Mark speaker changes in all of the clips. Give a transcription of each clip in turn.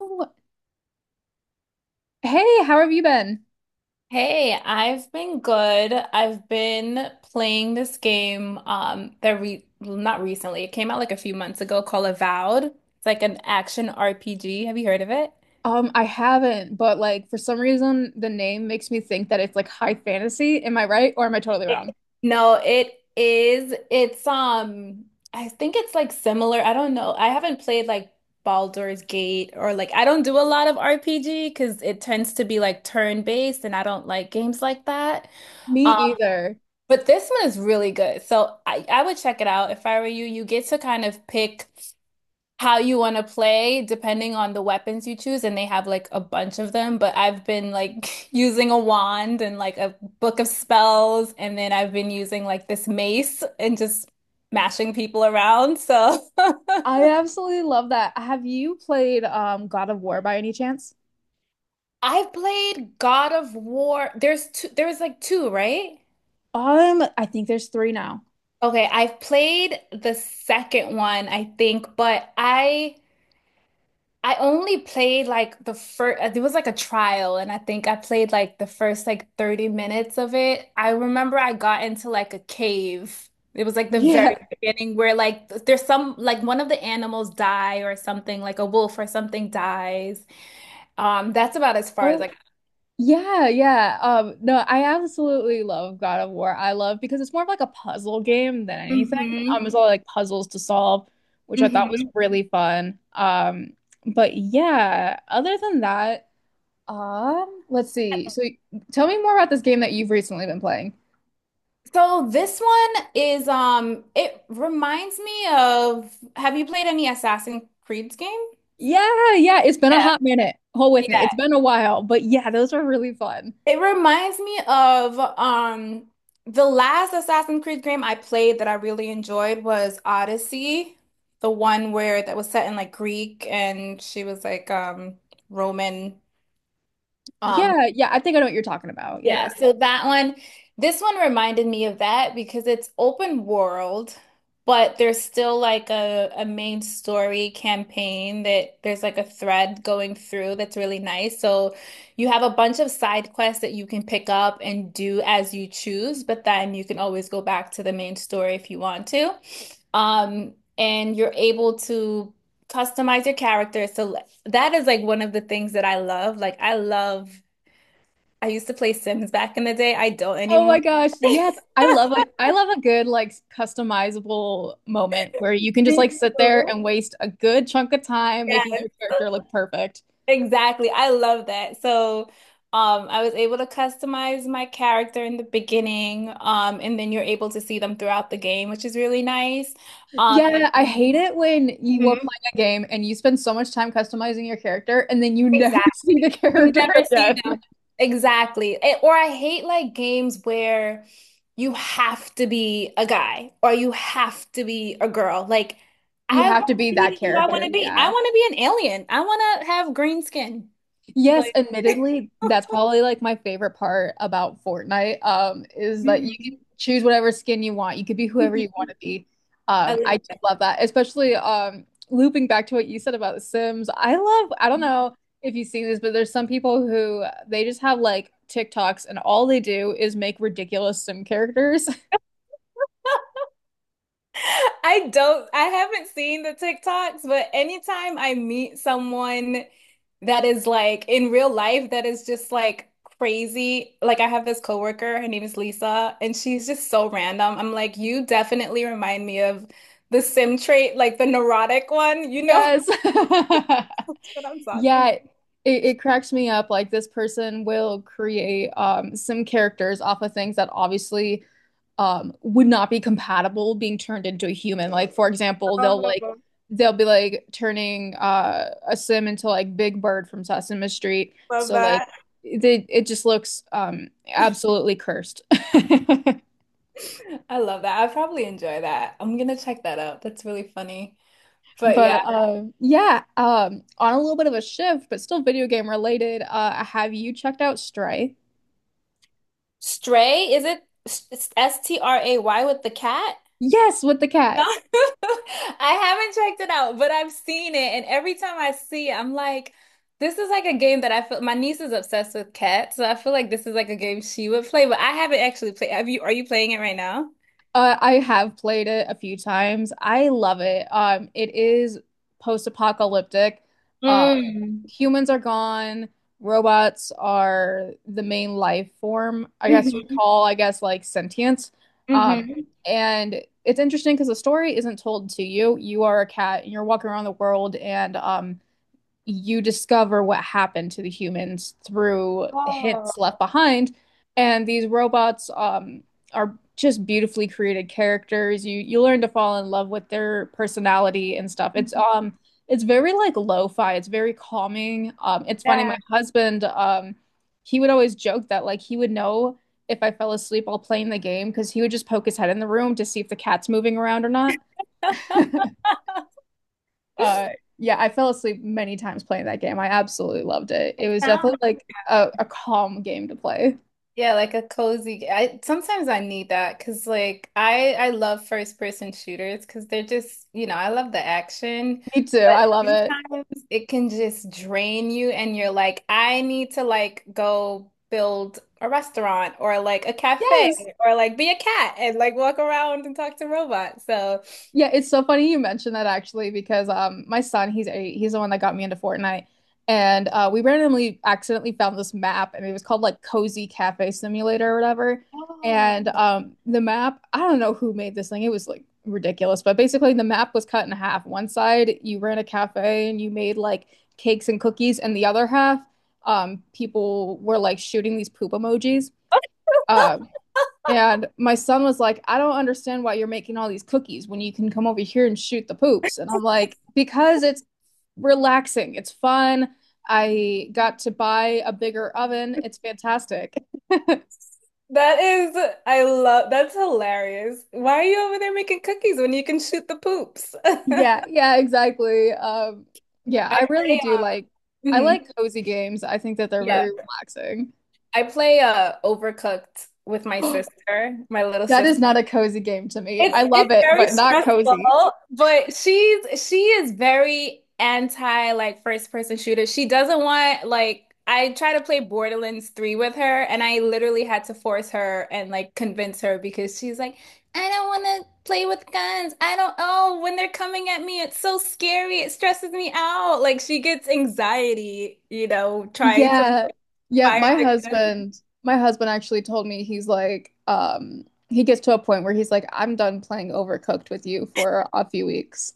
Speaker 1: Oh, hey, how have you been?
Speaker 2: Hey, I've been good. I've been playing this game not recently. It came out like a few months ago called Avowed. It's like an action RPG. Have you heard of it?
Speaker 1: I haven't, but like for some reason the name makes me think that it's like high fantasy. Am I right or am I totally
Speaker 2: It-
Speaker 1: wrong?
Speaker 2: No, it is. It's I think it's like similar. I don't know. I haven't played like Baldur's Gate, or like I don't do a lot of RPG because it tends to be like turn-based and I don't like games like that.
Speaker 1: Me either.
Speaker 2: But this one is really good. So I would check it out if I were you. You get to kind of pick how you want to play depending on the weapons you choose, and they have like a bunch of them. But I've been like using a wand and like a book of spells, and then I've been using like this mace and just mashing people around. So
Speaker 1: I absolutely love that. Have you played God of War by any chance?
Speaker 2: I've played God of War. There's two, there was like two, right?
Speaker 1: I think there's three now.
Speaker 2: Okay, I've played the second one, I think, but I only played like the first, it was like a trial, and I think I played like the first like 30 minutes of it. I remember I got into like a cave. It was like the
Speaker 1: Yeah.
Speaker 2: very beginning where like there's some like one of the animals die or something, like a wolf or something dies. That's about as far as
Speaker 1: Oh,
Speaker 2: like
Speaker 1: yeah, yeah. No, I absolutely love God of War. I love because it's more of like a puzzle game than anything.
Speaker 2: hmm.
Speaker 1: It's all like puzzles to solve, which I thought was
Speaker 2: Hmm.
Speaker 1: really fun. But yeah, other than that, let's see. So tell me more about this game that you've recently been playing.
Speaker 2: So this one is it reminds me of, have you played any Assassin's Creed game?
Speaker 1: Yeah, yeah, it's been a hot minute. Hold with me. It's
Speaker 2: Yeah.
Speaker 1: been a while, but yeah, those are really fun.
Speaker 2: It reminds me of the last Assassin's Creed game I played that I really enjoyed was Odyssey, the one where that was set in like Greek and she was like Roman, um
Speaker 1: Yeah, yeah, I think I know what you're talking about. Yeah.
Speaker 2: yeah, so that one, this one reminded me of that because it's open world, but there's still like a main story campaign that there's like a thread going through that's really nice. So you have a bunch of side quests that you can pick up and do as you choose, but then you can always go back to the main story if you want to. And you're able to customize your character. So that is like one of the things that I love. Like I love. I used to play Sims back in the day. I don't
Speaker 1: Oh my
Speaker 2: anymore.
Speaker 1: gosh. Yes. I love a good like customizable moment where you can just
Speaker 2: Me
Speaker 1: like sit there
Speaker 2: too.
Speaker 1: and waste a good chunk of time making
Speaker 2: Yes.
Speaker 1: your character look perfect.
Speaker 2: Exactly. I love that. So, I was able to customize my character in the beginning, and then you're able to see them throughout the game, which is really nice. Um,
Speaker 1: Yeah, I
Speaker 2: and-
Speaker 1: hate it when you are
Speaker 2: Mhm.
Speaker 1: playing a game and you spend so much time customizing your character and then you never
Speaker 2: Exactly.
Speaker 1: see the
Speaker 2: You
Speaker 1: character
Speaker 2: never see
Speaker 1: again.
Speaker 2: them. Exactly. Eh, or I hate like games where you have to be a guy or you have to be a girl. Like,
Speaker 1: You
Speaker 2: I
Speaker 1: have
Speaker 2: want
Speaker 1: to
Speaker 2: to
Speaker 1: be that
Speaker 2: be who I want
Speaker 1: character.
Speaker 2: to be. I
Speaker 1: Yeah.
Speaker 2: want to be an alien. I want to have green skin.
Speaker 1: Yes,
Speaker 2: Like,
Speaker 1: admittedly, that's probably like my favorite part about Fortnite, is that you can
Speaker 2: mhm.
Speaker 1: choose whatever skin you want. You could be whoever you
Speaker 2: Mhm.
Speaker 1: want to be.
Speaker 2: I
Speaker 1: I
Speaker 2: love
Speaker 1: do
Speaker 2: that.
Speaker 1: love that, especially looping back to what you said about The Sims. I love, I don't know if you've seen this, but there's some people who they just have like TikToks and all they do is make ridiculous Sim characters.
Speaker 2: I haven't seen the TikToks, but anytime I meet someone that is like in real life, that is just like crazy. Like I have this coworker, her name is Lisa, and she's just so random. I'm like, you definitely remind me of the sim trait, like the neurotic one,
Speaker 1: Yes.
Speaker 2: what I'm
Speaker 1: Yeah,
Speaker 2: talking
Speaker 1: it, it cracks me up. Like this person will create some characters off of things that obviously would not be compatible being turned into a human. Like for example, they'll like
Speaker 2: about.
Speaker 1: they'll be like turning a sim into like Big Bird from Sesame Street.
Speaker 2: Love
Speaker 1: So like
Speaker 2: that.
Speaker 1: they it just looks absolutely cursed.
Speaker 2: I love that. I probably enjoy that. I'm gonna check that out. That's really funny. But yeah.
Speaker 1: But yeah, on a little bit of a shift, but still video game related, have you checked out Stray?
Speaker 2: Stray? Is it S-S-T-R-A-Y with the cat?
Speaker 1: Yes, with the cat.
Speaker 2: I haven't checked it out, but I've seen it, and every time I see it, I'm like, this is like a game that I feel my niece is obsessed with cats, so I feel like this is like a game she would play, but I haven't actually played. Have you, are you playing it right now?
Speaker 1: I have played it a few times. I love it. It is post-apocalyptic. Uh,
Speaker 2: Mm.
Speaker 1: humans are gone, robots are the main life form, I guess you'd
Speaker 2: Hmm.
Speaker 1: call, I guess, like sentience. Um,
Speaker 2: Hmm.
Speaker 1: and it's interesting because the story isn't told to you. You are a cat and you're walking around the world and you discover what happened to the humans through
Speaker 2: Oh,
Speaker 1: hints left behind. And these robots are just beautifully created characters. You learn to fall in love with their personality and stuff. It's it's very like lo-fi. It's very calming. It's funny. My
Speaker 2: yeah.
Speaker 1: husband he would always joke that like he would know if I fell asleep while playing the game because he would just poke his head in the room to see if the cat's moving around or not. Uh, yeah, I fell asleep many times playing that game. I absolutely loved it. It was definitely like a calm game to play.
Speaker 2: Yeah, like a cozy. I sometimes I need that because like I love first person shooters because they're just, you know, I love the action,
Speaker 1: Me too.
Speaker 2: but
Speaker 1: I love it.
Speaker 2: sometimes it can just drain you and you're like, I need to like go build a restaurant or like a cafe
Speaker 1: Yes.
Speaker 2: or like be a cat and like walk around and talk to robots. So
Speaker 1: Yeah, it's so funny you mentioned that actually because my son he's 8 he's the one that got me into Fortnite and we randomly accidentally found this map and it was called like Cozy Cafe Simulator or whatever
Speaker 2: Oh.
Speaker 1: and the map I don't know who made this thing it was like ridiculous but basically the map was cut in half one side you ran a cafe and you made like cakes and cookies and the other half people were like shooting these poop emojis. Uh, and my son was like, I don't understand why you're making all these cookies when you can come over here and shoot the poops. And I'm like, because it's relaxing, it's fun. I got to buy a bigger oven. It's fantastic.
Speaker 2: that is, I love, that's hilarious. Why are you over there making cookies when you can shoot the poops? I
Speaker 1: Yeah, yeah, exactly. Yeah, I really
Speaker 2: pray
Speaker 1: do like I
Speaker 2: on.
Speaker 1: like cozy games. I think that they're
Speaker 2: Yeah,
Speaker 1: very relaxing.
Speaker 2: I play Overcooked with my sister, my little
Speaker 1: That is
Speaker 2: sister.
Speaker 1: not a cozy game to me. I
Speaker 2: It's
Speaker 1: love
Speaker 2: it's
Speaker 1: it,
Speaker 2: very
Speaker 1: but not
Speaker 2: stressful,
Speaker 1: cozy.
Speaker 2: but she is very anti like first person shooter. She doesn't want like I try to play Borderlands 3 with her and I literally had to force her and like convince her because she's like, I don't want to play with guns. I don't, oh, when they're coming at me, it's so scary. It stresses me out. Like she gets anxiety, you know, trying to
Speaker 1: Yeah. Yeah,
Speaker 2: fire
Speaker 1: my
Speaker 2: the gun.
Speaker 1: husband, my husband actually told me he's like, he gets to a point where he's like, I'm done playing Overcooked with you for a few weeks.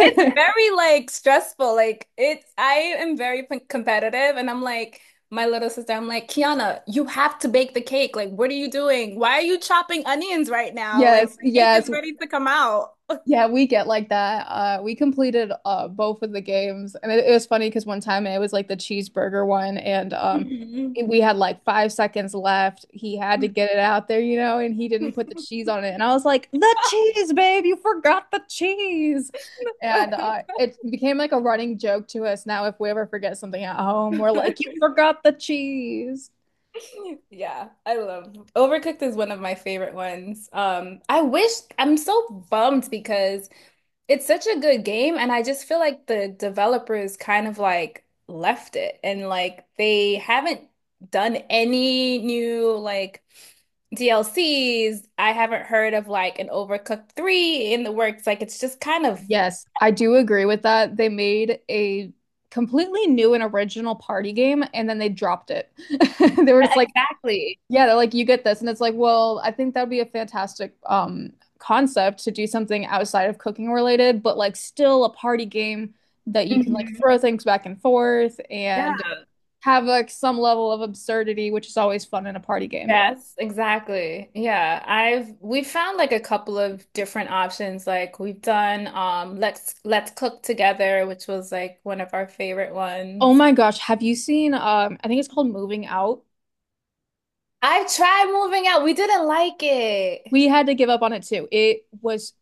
Speaker 2: It's very like stressful. Like it's, I am very p competitive and I'm like, my little sister, I'm like, Kiana, you have to bake the cake. Like, what are you doing? Why are you chopping onions right now? Like
Speaker 1: Yes,
Speaker 2: the cake is
Speaker 1: yes,
Speaker 2: ready to come out.
Speaker 1: Yeah, we get like that. We completed both of the games, and it was funny because one time it was like the cheeseburger one, and
Speaker 2: Mhm.
Speaker 1: it- we had like 5 seconds left. He had to get it out there, you know, and he didn't put the cheese on it, and I was like, "The cheese, babe! You forgot the cheese!" And it became like a running joke to us now. If we ever forget something at home, we're like, "You forgot the cheese."
Speaker 2: Yeah, I love Overcooked is one of my favorite ones. I wish, I'm so bummed because it's such a good game, and I just feel like the developers kind of like left it and like they haven't done any new like DLCs. I haven't heard of like an Overcooked 3 in the works. Like it's just kind of,
Speaker 1: Yes, I do agree with that. They made a completely new and original party game and then they dropped it. They were
Speaker 2: yeah,
Speaker 1: just like,
Speaker 2: exactly.
Speaker 1: yeah, they're like, you get this. And it's like, well, I think that would be a fantastic concept to do something outside of cooking related, but like still a party game that you can like
Speaker 2: Mhm.
Speaker 1: throw things back and forth
Speaker 2: Yeah.
Speaker 1: and have like some level of absurdity, which is always fun in a party game.
Speaker 2: Yes, exactly. Yeah, I've we found like a couple of different options. Like we've done Let's Cook Together, which was like one of our favorite
Speaker 1: Oh
Speaker 2: ones.
Speaker 1: my gosh, have you seen I think it's called Moving Out?
Speaker 2: I tried Moving Out. We didn't like it.
Speaker 1: We had to give up on it too. It was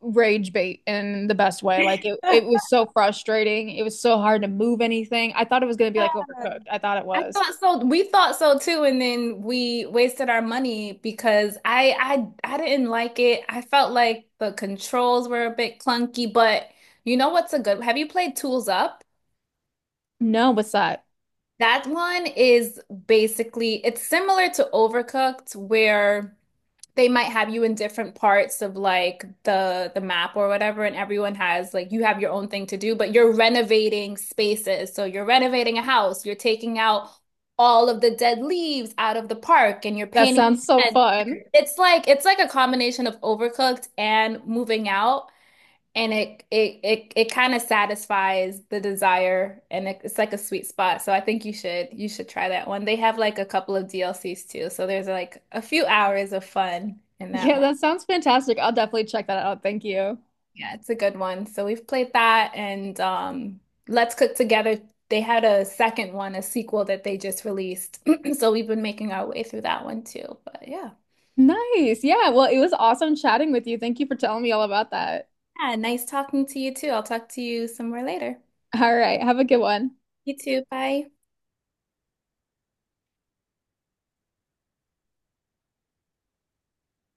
Speaker 1: rage bait in the best way. It was so frustrating. It was so hard to move anything. I thought it was gonna be like overcooked. I thought it
Speaker 2: I
Speaker 1: was.
Speaker 2: thought so. We thought so too, and then we wasted our money because I didn't like it. I felt like the controls were a bit clunky, but you know what's a good? Have you played Tools Up?
Speaker 1: No, what's that?
Speaker 2: That one is basically it's similar to Overcooked where they might have you in different parts of like the map or whatever, and everyone has like, you have your own thing to do, but you're renovating spaces. So you're renovating a house, you're taking out all of the dead leaves out of the park and you're
Speaker 1: That
Speaker 2: painting.
Speaker 1: sounds so fun.
Speaker 2: It's like, it's like a combination of Overcooked and Moving Out. And it kind of satisfies the desire and it's like a sweet spot. So I think you should try that one. They have like a couple of DLCs too. So there's like a few hours of fun in that
Speaker 1: Yeah,
Speaker 2: one.
Speaker 1: that sounds fantastic. I'll definitely check that out. Thank you.
Speaker 2: Yeah, it's a good one. So we've played that and Let's Cook Together. They had a second one, a sequel that they just released. So we've been making our way through that one too. But yeah.
Speaker 1: Nice. Yeah, well, it was awesome chatting with you. Thank you for telling me all about that.
Speaker 2: Yeah, nice talking to you too. I'll talk to you some more later.
Speaker 1: All right, have a good one.
Speaker 2: You too. Bye.